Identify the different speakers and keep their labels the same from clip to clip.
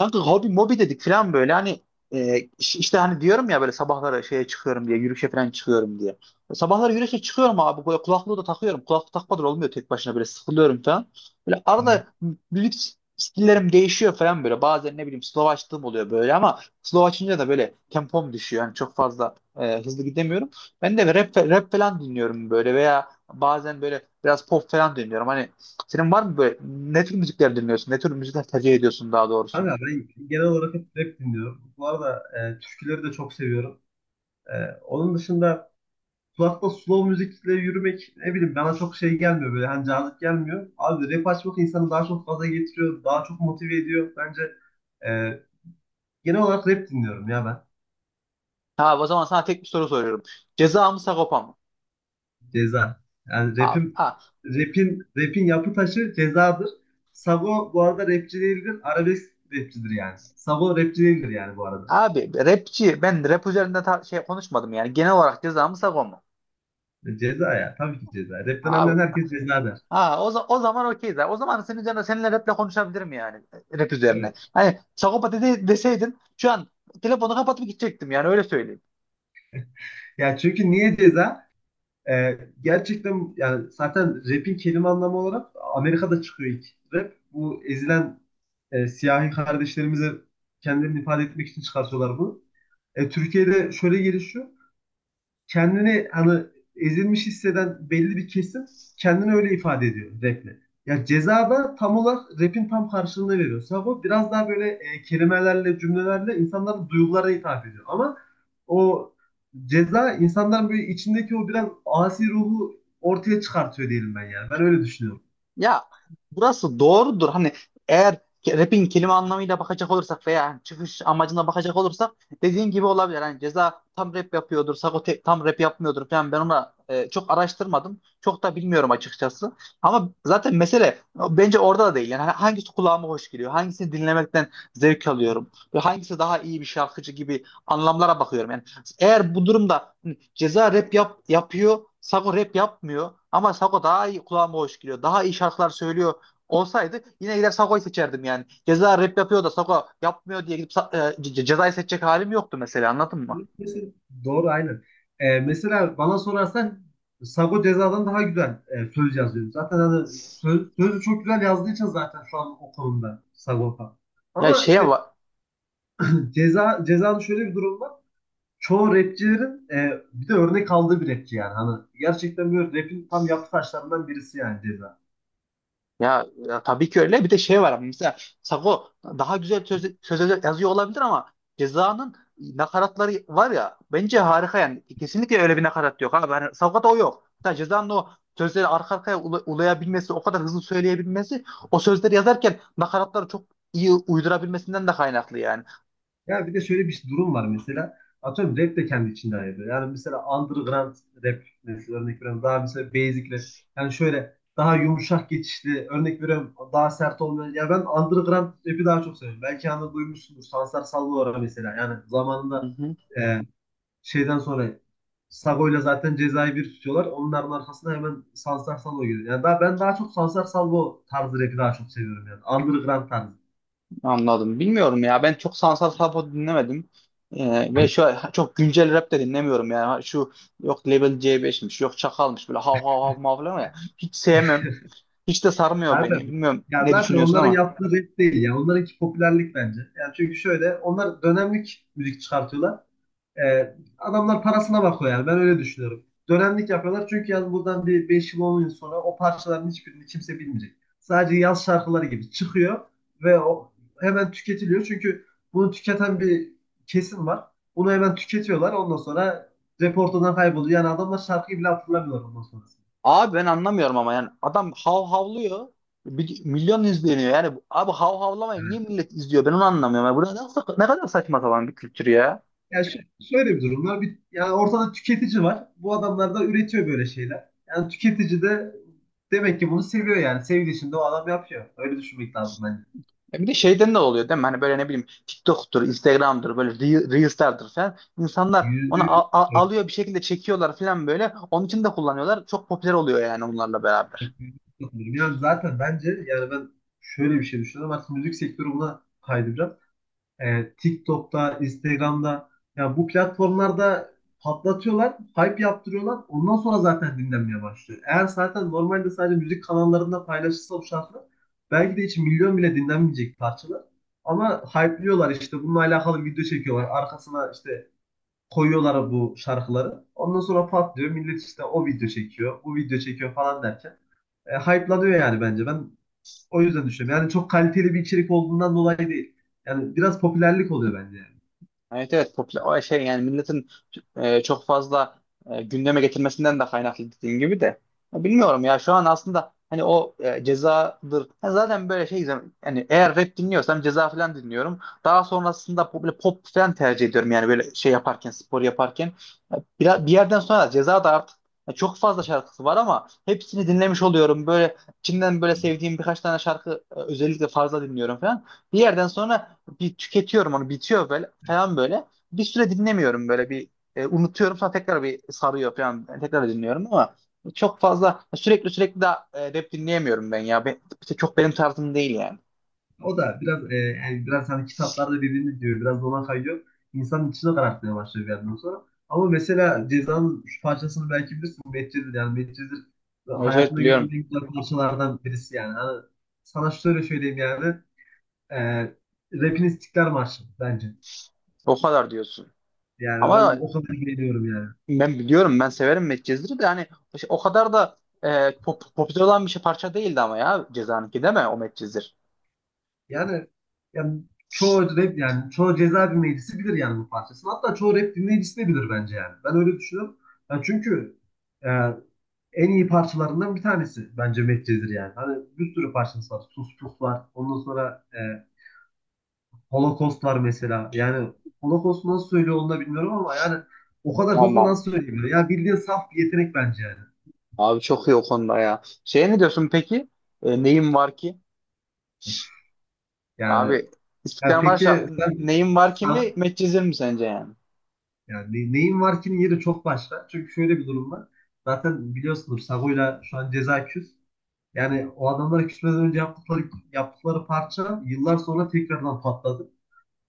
Speaker 1: Kanka hobi mobi dedik falan böyle hani işte hani diyorum ya böyle sabahları şeye çıkıyorum diye yürüyüşe falan çıkıyorum diye. Sabahları yürüyüşe çıkıyorum abi böyle kulaklığı da takıyorum. Kulaklık takmadan olmuyor tek başına böyle sıkılıyorum falan. Böyle
Speaker 2: Evet.
Speaker 1: arada müzik stillerim değişiyor falan böyle. Bazen ne bileyim slow açtığım oluyor böyle ama slow açınca da böyle tempom düşüyor. Yani çok fazla hızlı gidemiyorum. Ben de rap falan dinliyorum böyle veya bazen böyle biraz pop falan dinliyorum. Hani senin var mı böyle ne tür müzikler dinliyorsun? Ne tür müzikler tercih ediyorsun daha doğrusu?
Speaker 2: Kanka ben genel olarak hep rap dinliyorum. Bu arada türküleri de çok seviyorum. E, onun dışında kulakta slow müzikle yürümek ne bileyim bana çok şey gelmiyor böyle hani cazip gelmiyor. Abi rap açmak insanı daha çok gaza getiriyor, daha çok motive ediyor. Bence e, genel olarak rap dinliyorum ya ben.
Speaker 1: Abi o zaman sana tek bir soru soruyorum. Ceza mı Sagopa mı?
Speaker 2: Ceza. Yani
Speaker 1: Abi,
Speaker 2: rapim,
Speaker 1: a-
Speaker 2: rapin, rapin yapı taşı cezadır. Sabo bu arada rapçi değildir, arabesk rapçidir yani. Sabo rapçi değildir yani bu arada.
Speaker 1: abi rapçi ben rap üzerinde konuşmadım yani. Genel olarak ceza mı Sagopa mı?
Speaker 2: Ceza ya. Tabii ki ceza. Rapten
Speaker 1: Abi
Speaker 2: anlayan herkes ceza der.
Speaker 1: o zaman okeyiz abi. O zaman senin üzerine seninle raple konuşabilirim yani. Rap üzerine.
Speaker 2: Evet.
Speaker 1: Hani Sagopa deseydin şu an telefonu kapatıp gidecektim yani öyle söyleyeyim.
Speaker 2: Ya çünkü niye ceza? Ee, gerçekten yani zaten rap'in kelime anlamı olarak Amerika'da çıkıyor ilk rap. Bu ezilen siyahi kardeşlerimize kendilerini ifade etmek için çıkartıyorlar bunu. Türkiye'de şöyle gelişiyor. Kendini hani ezilmiş hisseden belli bir kesim kendini öyle ifade ediyor raple. Ya ceza da tam olarak rapin tam karşılığını veriyor. Sabo biraz daha böyle kelimelerle, cümlelerle insanların duygularına hitap ediyor. Ama o ceza insanların böyle içindeki o biraz asi ruhu ortaya çıkartıyor diyelim ben yani. Ben öyle düşünüyorum.
Speaker 1: Ya burası doğrudur. Hani eğer rap'in kelime anlamıyla bakacak olursak veya hani çıkış amacına bakacak olursak dediğin gibi olabilir. Hani Ceza tam rap yapıyordur, Sago tam rap yapmıyordur falan. Ben ona çok araştırmadım. Çok da bilmiyorum açıkçası. Ama zaten mesele bence orada da değil. Yani hani hangisi kulağıma hoş geliyor? Hangisini dinlemekten zevk alıyorum? Ve hangisi daha iyi bir şarkıcı gibi anlamlara bakıyorum. Yani eğer bu durumda hani Ceza rap yapıyor. Sago rap yapmıyor. Ama Sago daha iyi kulağıma hoş geliyor. Daha iyi şarkılar söylüyor olsaydı yine gider Sago'yu seçerdim yani. Ceza rap yapıyor da Sago yapmıyor diye gidip cezayı seçecek halim yoktu mesela anladın mı?
Speaker 2: Mesela- Doğru aynen. Mesela bana sorarsan Sago Ceza'dan daha güzel söz yazıyor. Zaten hani sözü çok güzel yazdığı için zaten şu an o konumda Sagopa.
Speaker 1: Ya
Speaker 2: Ama
Speaker 1: şeye
Speaker 2: işte
Speaker 1: va-
Speaker 2: Ceza'nın şöyle bir durum var. Çoğu rapçilerin bir de örnek aldığı bir rapçi yani. Hani gerçekten böyle rapin tam yapı taşlarından birisi yani Ceza.
Speaker 1: Ya, ya tabii ki öyle. Bir de şey var ama mesela Sago daha güzel sözler yazıyor olabilir ama Ceza'nın nakaratları var ya bence harika yani. Kesinlikle öyle bir nakarat yok abi. Hani Sago'da o yok. Hatta Ceza'nın o sözleri arka arkaya ulayabilmesi, o kadar hızlı söyleyebilmesi, o sözleri yazarken nakaratları çok iyi uydurabilmesinden de kaynaklı yani.
Speaker 2: Ya bir de şöyle bir durum var mesela. Atıyorum rap de kendi içinde ayrılıyor. Yani mesela underground rap mesela örnek veriyorum. Daha mesela basic rap. Yani şöyle daha yumuşak geçişli örnek veriyorum. Daha sert olmayan. Ya ben underground rap'i daha çok seviyorum. Belki anda duymuşsundur. Sansar Salvatore mesela. Yani zamanında e, şeyden sonra Sago'yla zaten cezayı bir tutuyorlar. Onların arkasına hemen Sansar Salvo geliyor. Yani daha, ben daha çok Sansar Salvo tarzı rap'i daha çok seviyorum yani. Underground tarzı.
Speaker 1: Anladım. Bilmiyorum ya. Ben çok sanatsal rap dinlemedim. Ve şu çok güncel rap de dinlemiyorum yani. Şu yok Level C5'miş, yok Çakal'mış böyle hav hav hav mav falan ya. Hiç sevmem. Hiç de sarmıyor
Speaker 2: Zaten
Speaker 1: beni. Bilmiyorum
Speaker 2: ya
Speaker 1: ne
Speaker 2: zaten
Speaker 1: düşünüyorsun
Speaker 2: onların
Speaker 1: ama.
Speaker 2: yaptığı rap değil ya. Onlarınki popülerlik bence. Yani çünkü şöyle onlar dönemlik müzik çıkartıyorlar. Adamlar parasına bakıyor yani ben öyle düşünüyorum. Dönemlik yapıyorlar çünkü yani buradan bir 5 yıl 10 yıl sonra o parçaların hiçbirini kimse bilmeyecek. Sadece yaz şarkıları gibi çıkıyor ve o hemen tüketiliyor. Çünkü bunu tüketen bir kesim var. Bunu hemen tüketiyorlar. Ondan sonra rap ortadan kayboluyor. Yani adamlar şarkıyı bile hatırlamıyorlar ondan sonrasında.
Speaker 1: Abi ben anlamıyorum ama yani adam hav havlıyor. Milyon izleniyor yani. Abi hav havlamayı niye millet izliyor? Ben onu anlamıyorum. Yani bu ne kadar saçma sapan bir kültür ya.
Speaker 2: Ya şu- şöyle bir durum var. Bir, yani ortada tüketici var. Bu adamlar da üretiyor böyle şeyler. Yani tüketici de demek ki bunu seviyor yani. Sevdiği için de o adam yapıyor. Öyle düşünmek lazım bence.
Speaker 1: Ya bir de şeyden de oluyor değil mi? Hani böyle ne bileyim TikTok'tur, Instagram'dır, böyle Reels'lerdir falan. İnsanlar
Speaker 2: Yüzde
Speaker 1: onu
Speaker 2: yüz
Speaker 1: al- al-
Speaker 2: evet,
Speaker 1: alıyor bir şekilde çekiyorlar falan böyle. Onun için de kullanıyorlar. Çok popüler oluyor yani onlarla
Speaker 2: evet,
Speaker 1: beraber.
Speaker 2: yüzde yüz katılıyorum. Yani zaten bence yani ben şöyle bir şey düşünüyorum. Artık müzik sektörü buna kaydıracak. TikTok'ta, Instagram'da ya bu platformlarda patlatıyorlar, hype yaptırıyorlar. Ondan sonra zaten dinlenmeye başlıyor. Eğer zaten normalde sadece müzik kanallarında paylaşılsa bu şarkılar belki de hiç milyon bile dinlenmeyecek parçalar. Ama hype'lıyorlar işte bununla alakalı video çekiyorlar. Arkasına işte koyuyorlar bu şarkıları. Ondan sonra patlıyor. Millet işte o video çekiyor, bu video çekiyor falan derken hype'lanıyor yani bence. Ben o yüzden düşünüyorum. Yani çok kaliteli bir içerik olduğundan dolayı değil. Yani biraz popülerlik oluyor bence yani.
Speaker 1: Evet, evet, popüler o şey yani milletin çok fazla gündeme getirmesinden de kaynaklı dediğin gibi de. Ya bilmiyorum ya şu an aslında hani o cezadır. Ha, zaten böyle şey, yani eğer rap dinliyorsam ceza falan dinliyorum, daha sonrasında böyle pop falan tercih ediyorum yani böyle şey yaparken, spor yaparken. Ya bir yerden sonra ceza da artık, ya çok fazla şarkısı var ama hepsini dinlemiş oluyorum, böyle içinden böyle sevdiğim birkaç tane şarkı özellikle fazla dinliyorum falan, bir yerden sonra bir tüketiyorum onu, bitiyor böyle falan böyle. Bir süre dinlemiyorum böyle bir unutuyorum, sonra tekrar bir sarıyor falan yani tekrar dinliyorum ama çok fazla sürekli de rap dinleyemiyorum ben ya. İşte çok benim tarzım değil yani.
Speaker 2: O da biraz yani biraz hani kitaplarda dediğiniz diyor, biraz da ona kayıyor. İnsanın içine karartmaya başlıyor bir yerden sonra. Ama mesela Ceza'nın şu parçasını belki bilirsin. Medcezir yani Medcezir
Speaker 1: Evet, evet,
Speaker 2: hayatımda gördüğüm
Speaker 1: biliyorum.
Speaker 2: en güzel parçalardan birisi yani. Hani sana şöyle söyleyeyim yani. E, Rap'in İstiklal Marşı bence.
Speaker 1: O kadar diyorsun.
Speaker 2: Yani ben
Speaker 1: Ama
Speaker 2: o kadar beğeniyorum yani.
Speaker 1: ben biliyorum, ben severim Medcezir'i de, hani işte o kadar da popüler olan bir parça değildi ama, ya Ceza'nınki değil mi o Medcezir?
Speaker 2: Yani, yani çoğu rap yani çoğu ceza dinleyicisi bilir yani bu parçasını. Hatta çoğu rap dinleyicisi de bilir bence yani. Ben öyle düşünüyorum. Yani çünkü e, en iyi parçalarından bir tanesi bence Medcezir yani. Hani bir sürü parçası var. Sus Pus var. Ondan sonra Holocaust var mesela. Yani Holocaust nasıl söylüyor onu da bilmiyorum ama yani o kadar hızlı
Speaker 1: Aman
Speaker 2: nasıl söyleyebilir? Ya bildiğin saf bir yetenek bence yani.
Speaker 1: abi çok iyi o konuda ya. Şey ne diyorsun peki? Neyim var ki?
Speaker 2: Yani,
Speaker 1: Abi
Speaker 2: yani
Speaker 1: İstiklal Marşı
Speaker 2: peki sen,
Speaker 1: neyin var
Speaker 2: sen
Speaker 1: kimi medcezir mi sence yani?
Speaker 2: Neyin var ki'nin yeri çok başka. Çünkü şöyle bir durum var. Zaten biliyorsunuz Sago'yla şu an ceza küs. Yani o adamlara küsmeden önce yaptıkları parça yıllar sonra tekrardan patladı.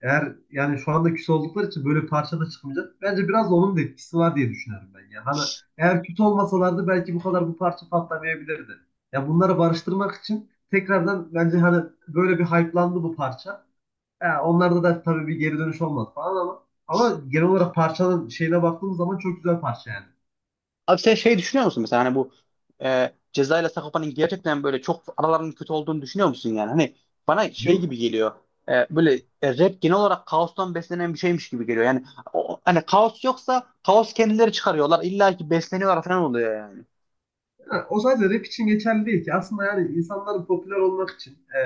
Speaker 2: Eğer yani şu anda küs oldukları için böyle bir parça da çıkmayacak. Bence biraz da onun da etkisi var diye düşünüyorum ben. Yani hani eğer kötü olmasalardı belki bu kadar bu parça patlamayabilirdi. Ya bunları barıştırmak için tekrardan bence hani böyle bir hype'landı bu parça. Ya onlarda da tabii bir geri dönüş olmaz falan ama ama genel olarak parçanın şeyine baktığımız zaman çok güzel parça yani.
Speaker 1: Abi sen şey düşünüyor musun mesela hani bu Ceza ile Sagopa'nın gerçekten böyle çok aralarının kötü olduğunu düşünüyor musun yani? Hani bana şey
Speaker 2: Yok.
Speaker 1: gibi geliyor, böyle rap genel olarak kaostan beslenen bir şeymiş gibi geliyor. Yani hani kaos yoksa kaos kendileri çıkarıyorlar illa ki, besleniyorlar falan oluyor yani.
Speaker 2: Ha, o sadece rap için geçerli değil ki. Aslında yani insanların popüler olmak için,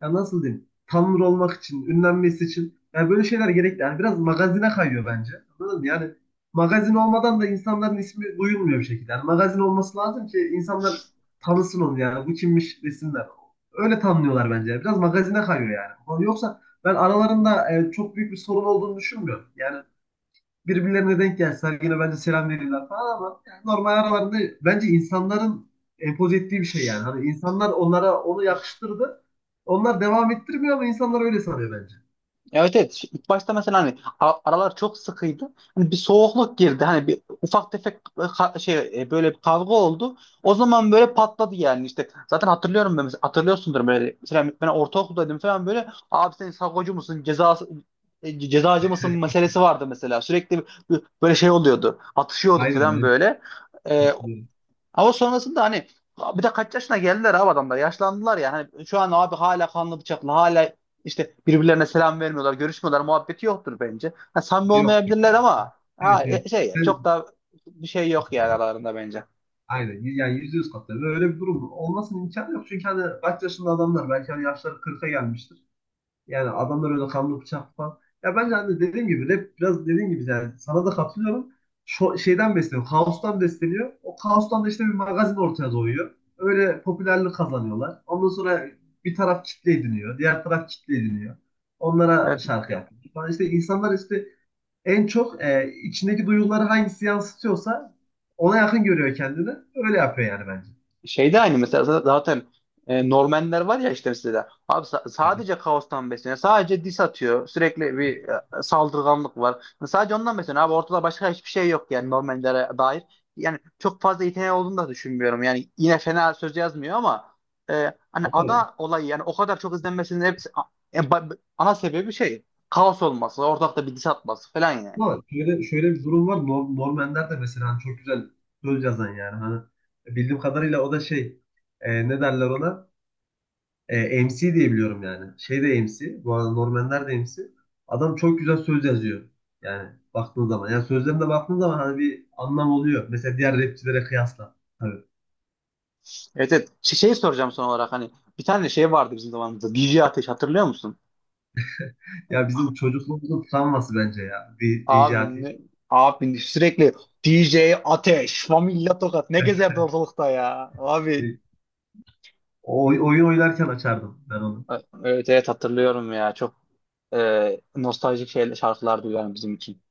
Speaker 2: ya nasıl diyeyim, tanınır olmak için, ünlenmesi için yani böyle şeyler gerekli. Yani biraz magazine kayıyor bence. Anladın mı? Yani magazin olmadan da insanların ismi duyulmuyor bir şekilde. Yani magazin olması lazım ki insanlar tanısın onu yani. Bu kimmiş desinler. Öyle tanınıyorlar bence. Biraz magazine kayıyor yani. Yoksa ben aralarında çok büyük bir sorun olduğunu düşünmüyorum. Yani birbirlerine denk gelseler yine bence selam verirler falan ama yani normal aralarında bence insanların empoze ettiği bir şey yani. Hani insanlar onlara onu yakıştırdı. Onlar devam ettirmiyor ama insanlar öyle sanıyor bence.
Speaker 1: Evet, evet. İlk başta mesela hani aralar çok sıkıydı. Hani bir soğukluk girdi. Hani bir ufak tefek böyle bir kavga oldu. O zaman böyle patladı yani işte. Zaten hatırlıyorum ben mesela, hatırlıyorsundur böyle. Mesela ben ortaokuldaydım falan böyle. Abi sen sakocu musun? Cezacı mısın meselesi vardı mesela. Sürekli böyle şey oluyordu. Atışıyorduk
Speaker 2: Aynen
Speaker 1: falan
Speaker 2: aynen.
Speaker 1: böyle. E, ama sonrasında hani bir de kaç yaşına geldiler abi adamlar. Yaşlandılar ya. Hani şu an abi hala kanlı bıçaklı, hala işte birbirlerine selam vermiyorlar, görüşmüyorlar. Muhabbeti yoktur bence. Ha, samimi
Speaker 2: Yok.
Speaker 1: olmayabilirler ama
Speaker 2: Evet, evet.
Speaker 1: çok
Speaker 2: Ben-
Speaker 1: da bir şey yok yani aralarında bence.
Speaker 2: Aynen. Yani yüzde yüz katılıyorum. Öyle bir durum olmasının imkanı yok. Çünkü hani kaç yaşında adamlar belki hani yaşları kırk'a gelmiştir. Yani adamlar öyle kanlı bıçak falan. Ya bence hani dediğim gibi rap biraz dediğim gibi yani sana da katılıyorum. Şeyden besleniyor. Kaostan besleniyor. O kaostan da işte bir magazin ortaya doğuyor. Öyle popülerlik kazanıyorlar. Ondan sonra bir taraf kitle ediniyor. Diğer taraf kitle ediniyor. Onlara
Speaker 1: Evet.
Speaker 2: şarkı yapıyor. Falan işte insanlar işte en çok içindeki duyguları hangisi yansıtıyorsa ona yakın görüyor kendini. Öyle yapıyor yani bence.
Speaker 1: Şeyde aynı mesela zaten, Normanler var ya işte mesela abi sa-
Speaker 2: Yani,
Speaker 1: sadece kaostan besleniyor. Sadece dis atıyor. Sürekli bir saldırganlık var. Sadece ondan besleniyor. Abi ortada başka hiçbir şey yok yani Normanlere dair. Yani çok fazla yeteneği olduğunu da düşünmüyorum. Yani yine fena söz yazmıyor ama hani
Speaker 2: anladın mı?
Speaker 1: ada olayı yani o kadar çok izlenmesinin hepsi a- e, ba- ana sebebi şey, kaos olması, ortalıkta bir dis atması falan yani.
Speaker 2: Ama şöyle bir durum var. Norm Ender de mesela hani çok güzel söz yazan yani. Hani bildiğim kadarıyla o da şey ne derler ona? MC diye biliyorum yani. Şey de MC. Bu arada Norm Ender de MC. Adam çok güzel söz yazıyor. Yani baktığın zaman. Yani sözlerine baktığın zaman hani bir anlam oluyor. Mesela diğer rapçilere kıyasla. Tabii.
Speaker 1: Evet, evet. Şeyi soracağım son olarak, hani bir tane şey vardı bizim zamanımızda. DJ Ateş hatırlıyor musun?
Speaker 2: Ya bizim çocukluğumuzun travması bence ya. DJ
Speaker 1: Abi
Speaker 2: Ateş.
Speaker 1: ne, abi sürekli DJ Ateş, Familya Tokat ne gezerdi ortalıkta ya. Abi
Speaker 2: E, oyun oynarken açardım ben onu.
Speaker 1: evet, evet, hatırlıyorum ya. Çok nostaljik şeyler, şarkılar duyuyorum bizim için.